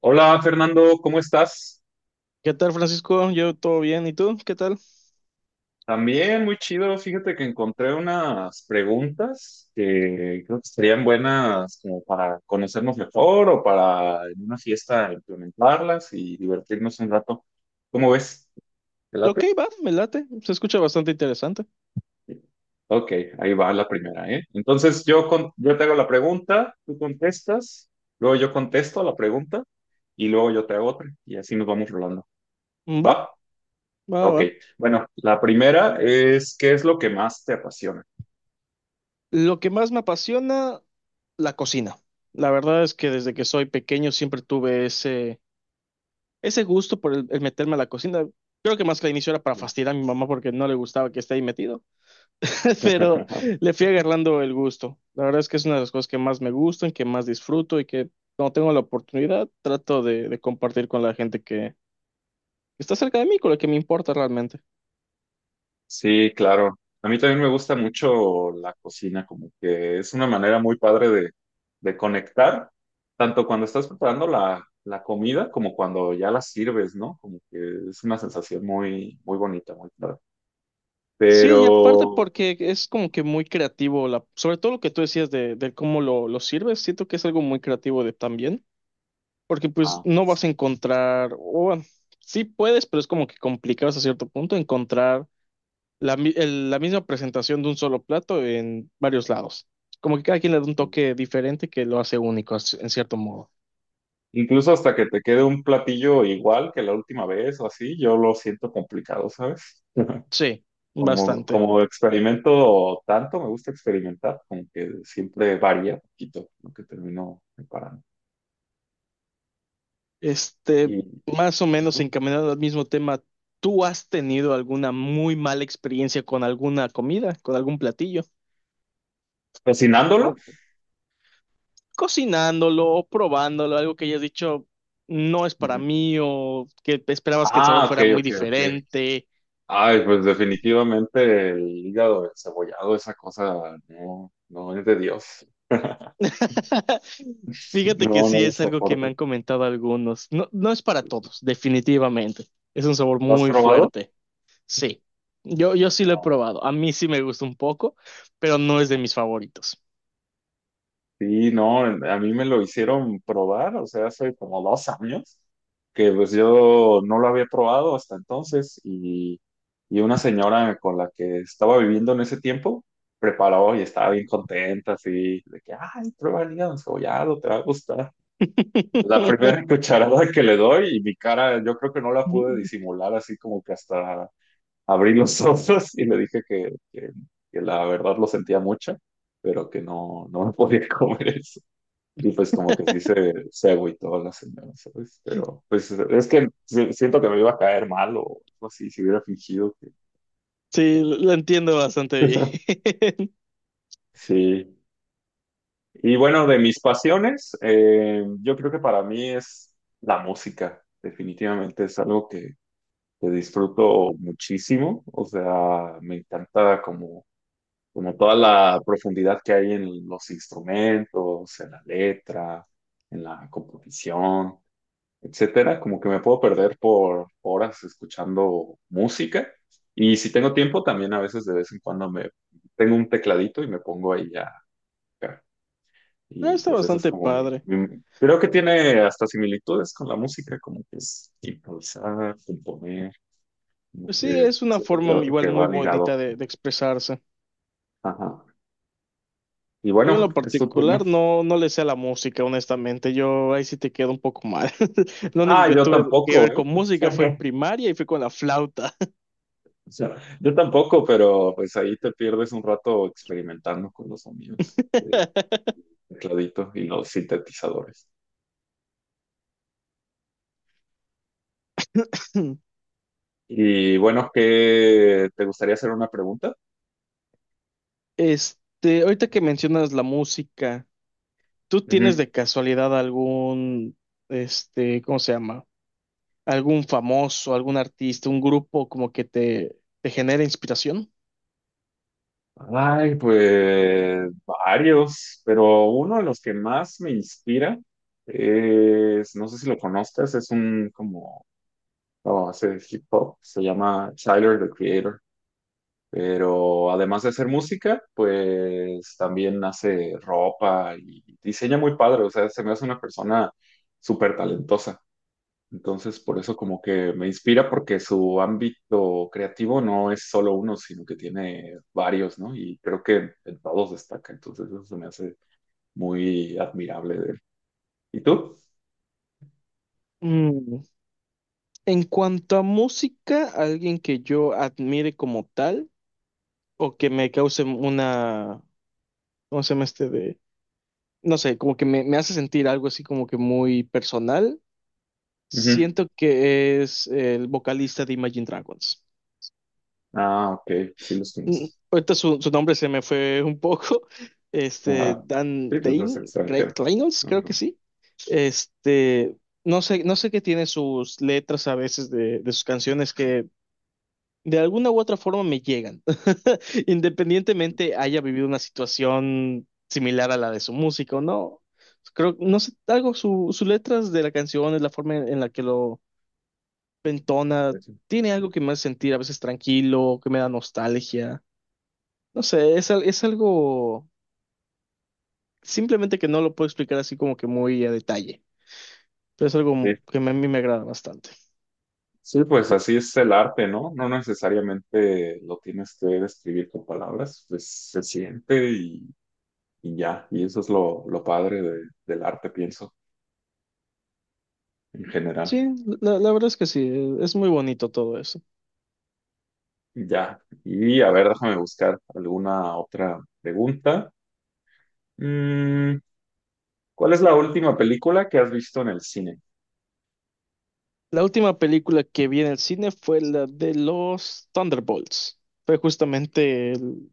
Hola Fernando, ¿cómo estás? ¿Qué tal, Francisco? Yo todo bien, ¿y tú? ¿Qué tal? También muy chido. Fíjate que encontré unas preguntas que creo que serían buenas como para conocernos mejor o para en una fiesta implementarlas y divertirnos un rato. ¿Cómo ves? ¿Te late? Ok, va, me late. Se escucha bastante interesante. Ok, ahí va la primera, ¿eh? Entonces yo, yo te hago la pregunta, tú contestas, luego yo contesto la pregunta y luego yo te hago otra y así nos vamos rolando. Mm, Va, ¿Va? va, Ok, va. bueno, la primera es, ¿qué es lo que más te apasiona? Lo que más me apasiona, la cocina. La verdad es que desde que soy pequeño siempre tuve ese gusto por el meterme a la cocina. Creo que más que al inicio era para fastidiar a mi mamá porque no le gustaba que esté ahí metido, pero le fui agarrando el gusto. La verdad es que es una de las cosas que más me gustan, que más disfruto y que cuando tengo la oportunidad trato de compartir con la gente que está cerca de mí, con la que me importa realmente. Sí, claro. A mí también me gusta mucho la cocina, como que es una manera muy padre de conectar, tanto cuando estás preparando la comida como cuando ya la sirves, ¿no? Como que es una sensación muy, muy bonita, muy padre. Sí, y Pero, aparte porque es como que muy creativo, la, sobre todo lo que tú decías de cómo lo sirves, siento que es algo muy creativo de también, porque pues ah, no vas a sí. encontrar, o bueno, sí puedes, pero es como que complicado hasta cierto punto encontrar la, la misma presentación de un solo plato en varios lados. Como que cada quien le da un toque diferente que lo hace único en cierto modo. Incluso hasta que te quede un platillo igual que la última vez o así, yo lo siento complicado, ¿sabes? Sí, Como, bastante. como experimento tanto, me gusta experimentar, como que siempre varía un poquito lo que termino preparando. Y Este, más o menos ajá. encaminado al mismo tema, ¿tú has tenido alguna muy mala experiencia con alguna comida, con algún platillo? Cocinándolo. O cocinándolo, o probándolo, algo que hayas dicho no es para Ujú. mí, o que esperabas que el sabor Ah, ok, fuera muy ok, ok. diferente. Ay, pues definitivamente el hígado cebollado esa cosa no, no es de Dios. Fíjate que No, no sí lo es algo que me soporto. han comentado algunos. No, no es para todos, definitivamente. Es un sabor ¿Lo has muy probado? fuerte. Sí, yo sí lo he No. probado. A mí sí me gusta un poco, pero no es de mis favoritos. Sí, no, a mí me lo hicieron probar, o sea, hace como 2 años, que pues yo no lo había probado hasta entonces y una señora con la que estaba viviendo en ese tiempo preparó y estaba bien contenta, así, de que, ay, prueba el hígado encebollado, te va a gustar. La primera cucharada que le doy y mi cara, yo creo que no la pude disimular, así como que hasta abrí los ojos y le dije que la verdad lo sentía mucho, pero que no, no me podía comer eso. Y pues como que sí se agüitó la señora, ¿sabes? Pero pues es que siento que me iba a caer mal o algo así, si hubiera fingido que... Sí, lo entiendo bastante bien. Sí. Y bueno, de mis pasiones, yo creo que para mí es la música. Definitivamente es algo que disfruto muchísimo. O sea, me encanta como, como toda la profundidad que hay en los instrumentos, en la letra, en la composición. Etcétera, como que me puedo perder por horas escuchando música. Y si tengo tiempo, también a veces de vez en cuando me tengo un tecladito y me pongo ahí a tocar. No, Y está pues esa es bastante como mi, padre. mi- creo que tiene hasta similitudes con la música, como que es improvisar, componer, como Pues sí, que es una siento forma igual que muy va ligado. bonita de expresarse. Ajá. Y Yo en bueno, lo es tu turno. particular no, no le sé a la música, honestamente. Yo ahí sí te quedo un poco mal. Lo único Ah, que yo tuve que tampoco, ver ¿eh? con música fue en primaria y fue con la flauta. O sea, yo tampoco, pero pues ahí te pierdes un rato experimentando con los sonidos. Tecladito y los sintetizadores. Y bueno, ¿qué te gustaría hacer una pregunta? Ahorita que mencionas la música, ¿tú tienes de Ujú. casualidad algún, este, ¿cómo se llama? Algún famoso, algún artista, un grupo como que te genera inspiración? Ay, pues varios, pero uno de los que más me inspira es, no sé si lo conozcas, es un como, oh, hace hip hop, se llama Tyler, the Creator, pero además de hacer música, pues también hace ropa y diseña muy padre, o sea, se me hace una persona súper talentosa. Entonces, por eso como que me inspira porque su ámbito creativo no es solo uno, sino que tiene varios, ¿no? Y creo que en todos destaca. Entonces, eso se me hace muy admirable de él. ¿Y tú? Mm, En cuanto a música, alguien que yo admire como tal o que me cause una, ¿cómo se llama este de? No sé, como que me hace sentir algo así como que muy personal. Ujú. Siento que es el vocalista de Imagine Dragons. Ah, ok, sí los Mm, conozco. Ahorita su, su nombre se me fue un poco. Ajá. Sí, pues no es extranjero. Reynolds, creo Ajá. que sí. Este, no sé, no sé qué tiene sus letras a veces de sus canciones que de alguna u otra forma me llegan. Independientemente haya vivido una situación similar a la de su músico, ¿no? Creo, no sé, algo, sus letras de la canción, es la forma en la que lo entona, Pues sí. tiene algo que me hace sentir a veces tranquilo, que me da nostalgia. No sé, es algo simplemente que no lo puedo explicar así como que muy a detalle, pero es algo Sí. A mí me agrada bastante. Sí, pues así es el arte, ¿no? No necesariamente lo tienes que describir con palabras, pues se siente y ya. Y eso es lo padre del arte, pienso, en general. Sí, la verdad es que sí, es muy bonito todo eso. Ya. Y a ver, déjame buscar alguna otra pregunta. Mm, ¿Cuál es la última película que has visto en el cine? La última película que vi en el cine fue la de los Thunderbolts. Fue justamente el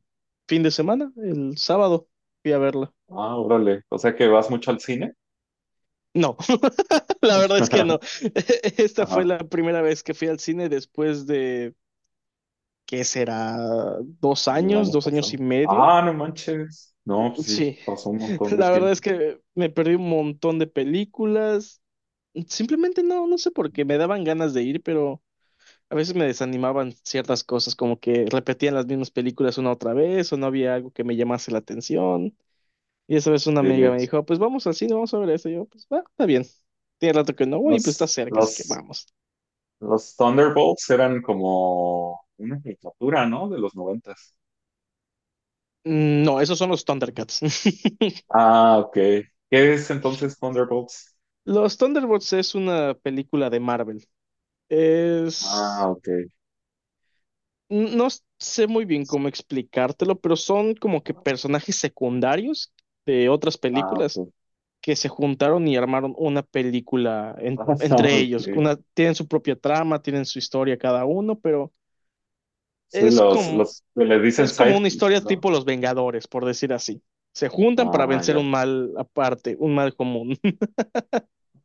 fin de semana, el sábado, fui a verla. Ah, órale. O sea que vas mucho al cine. No, la verdad es que no. Esta fue Ajá, la primera vez que fui al cine después de, ¿qué será? Del año Dos años y pasado. medio. Ah, no manches. No, pues sí, Sí, pasó un montón de la verdad tiempo. es que me perdí un montón de películas. Simplemente no, no sé por qué, me daban ganas de ir, pero a veces me desanimaban ciertas cosas, como que repetían las mismas películas una otra vez o no había algo que me llamase la atención. Y esa vez una amiga me Sí. dijo, "Ah, pues vamos al cine, vamos a ver eso". Y yo, pues va, está bien. Tiene rato que no voy, pues está Los, cerca, así que los, vamos. los Thunderbolts eran como una caricatura, ¿no? De los noventas. No, esos son los Thundercats. Ah, ok. ¿Qué es entonces Thunderbolts? Los Thunderbolts es una película de Marvel. Ah, Es ok. No sé muy bien cómo explicártelo, pero son como que personajes secundarios de otras Ah, películas ok. que se juntaron y armaron una película Ah, entre ellos. ok. Una, tienen su propia trama, tienen su historia cada uno, pero Sí, es como, los que les dicen es como una sidekicks, historia ¿no? tipo Los Vengadores, por decir así. Se juntan para Ah, vencer ya. un mal aparte, un mal común.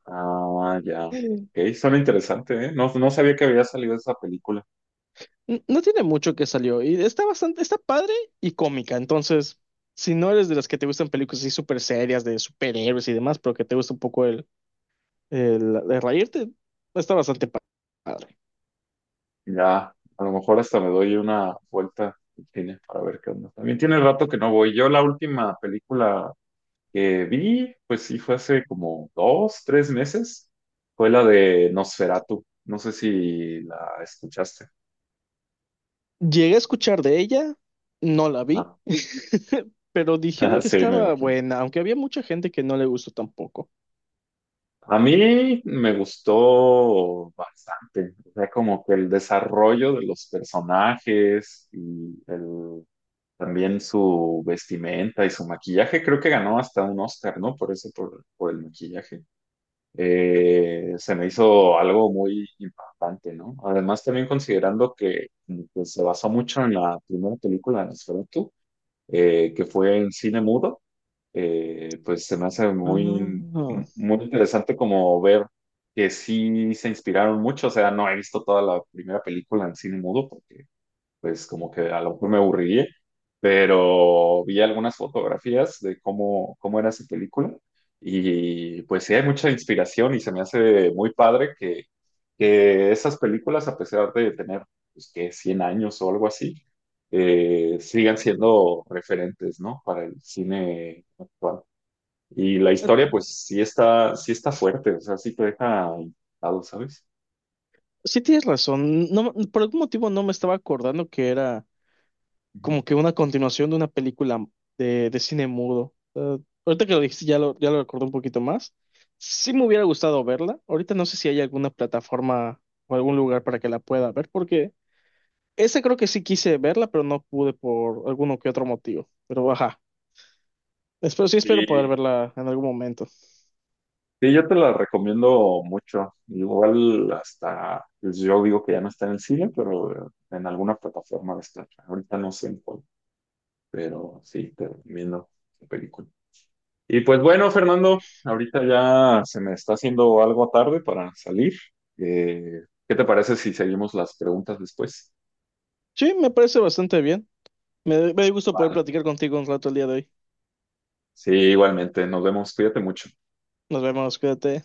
Ah, ya. Ok, suena interesante, ¿eh? No, no sabía que había salido esa película. No tiene mucho que salió y está bastante, está padre y cómica. Entonces, si no eres de las que te gustan películas así súper serias de superhéroes y demás, pero que te gusta un poco el reírte, está bastante padre. Ya, a lo mejor hasta me doy una vuelta al cine para ver qué onda. También tiene rato que no voy. Yo la última película que vi, pues sí, fue hace como 2, 3 meses. Fue la de Nosferatu. No sé si la escuchaste. Llegué a escuchar de ella, no la vi, No. pero dijeron que Sí, me estaba imagino. buena, aunque había mucha gente que no le gustó tampoco. A mí me gustó bastante, o sea, como que el desarrollo de los personajes y el, también su vestimenta y su maquillaje, creo que ganó hasta un Oscar, ¿no? Por eso, por el maquillaje. Se me hizo algo muy impactante, ¿no? Además, también considerando que se basó mucho en la primera película de Nosferatu, que fue en cine mudo, pues se me hace Ah, muy, muy interesante como ver que sí se inspiraron mucho, o sea, no he visto toda la primera película en cine mudo, porque pues como que a lo mejor me aburriría, pero vi algunas fotografías de cómo, cómo era esa película y pues sí hay mucha inspiración y se me hace muy padre que esas películas, a pesar de tener, pues que 100 años o algo así, sigan siendo referentes, ¿no? Para el cine actual. Y la historia, pues sí está fuerte, o sea, sí te deja impactado, ¿sabes? sí tienes razón. No, por algún motivo no me estaba acordando que era Ujú. como que una continuación de una película de cine mudo. Ahorita que lo dijiste, ya lo recordé un poquito más. Sí me hubiera gustado verla. Ahorita no sé si hay alguna plataforma o algún lugar para que la pueda ver, porque esa creo que sí quise verla, pero no pude por alguno que otro motivo. Pero ajá, espero, sí espero poder Y verla en algún momento. sí, yo te la recomiendo mucho. Igual hasta, pues, yo digo que ya no está en el cine, pero en alguna plataforma va a estar. Ahorita no sé en cuál, pero sí, te recomiendo la película. Y pues bueno, Fernando, ahorita ya se me está haciendo algo tarde para salir. Eh, ¿Qué te parece si seguimos las preguntas después? Sí, me parece bastante bien. Me dio gusto poder platicar contigo un rato el día de hoy. Sí, igualmente, nos vemos, cuídate mucho. Nos vemos, cuídate.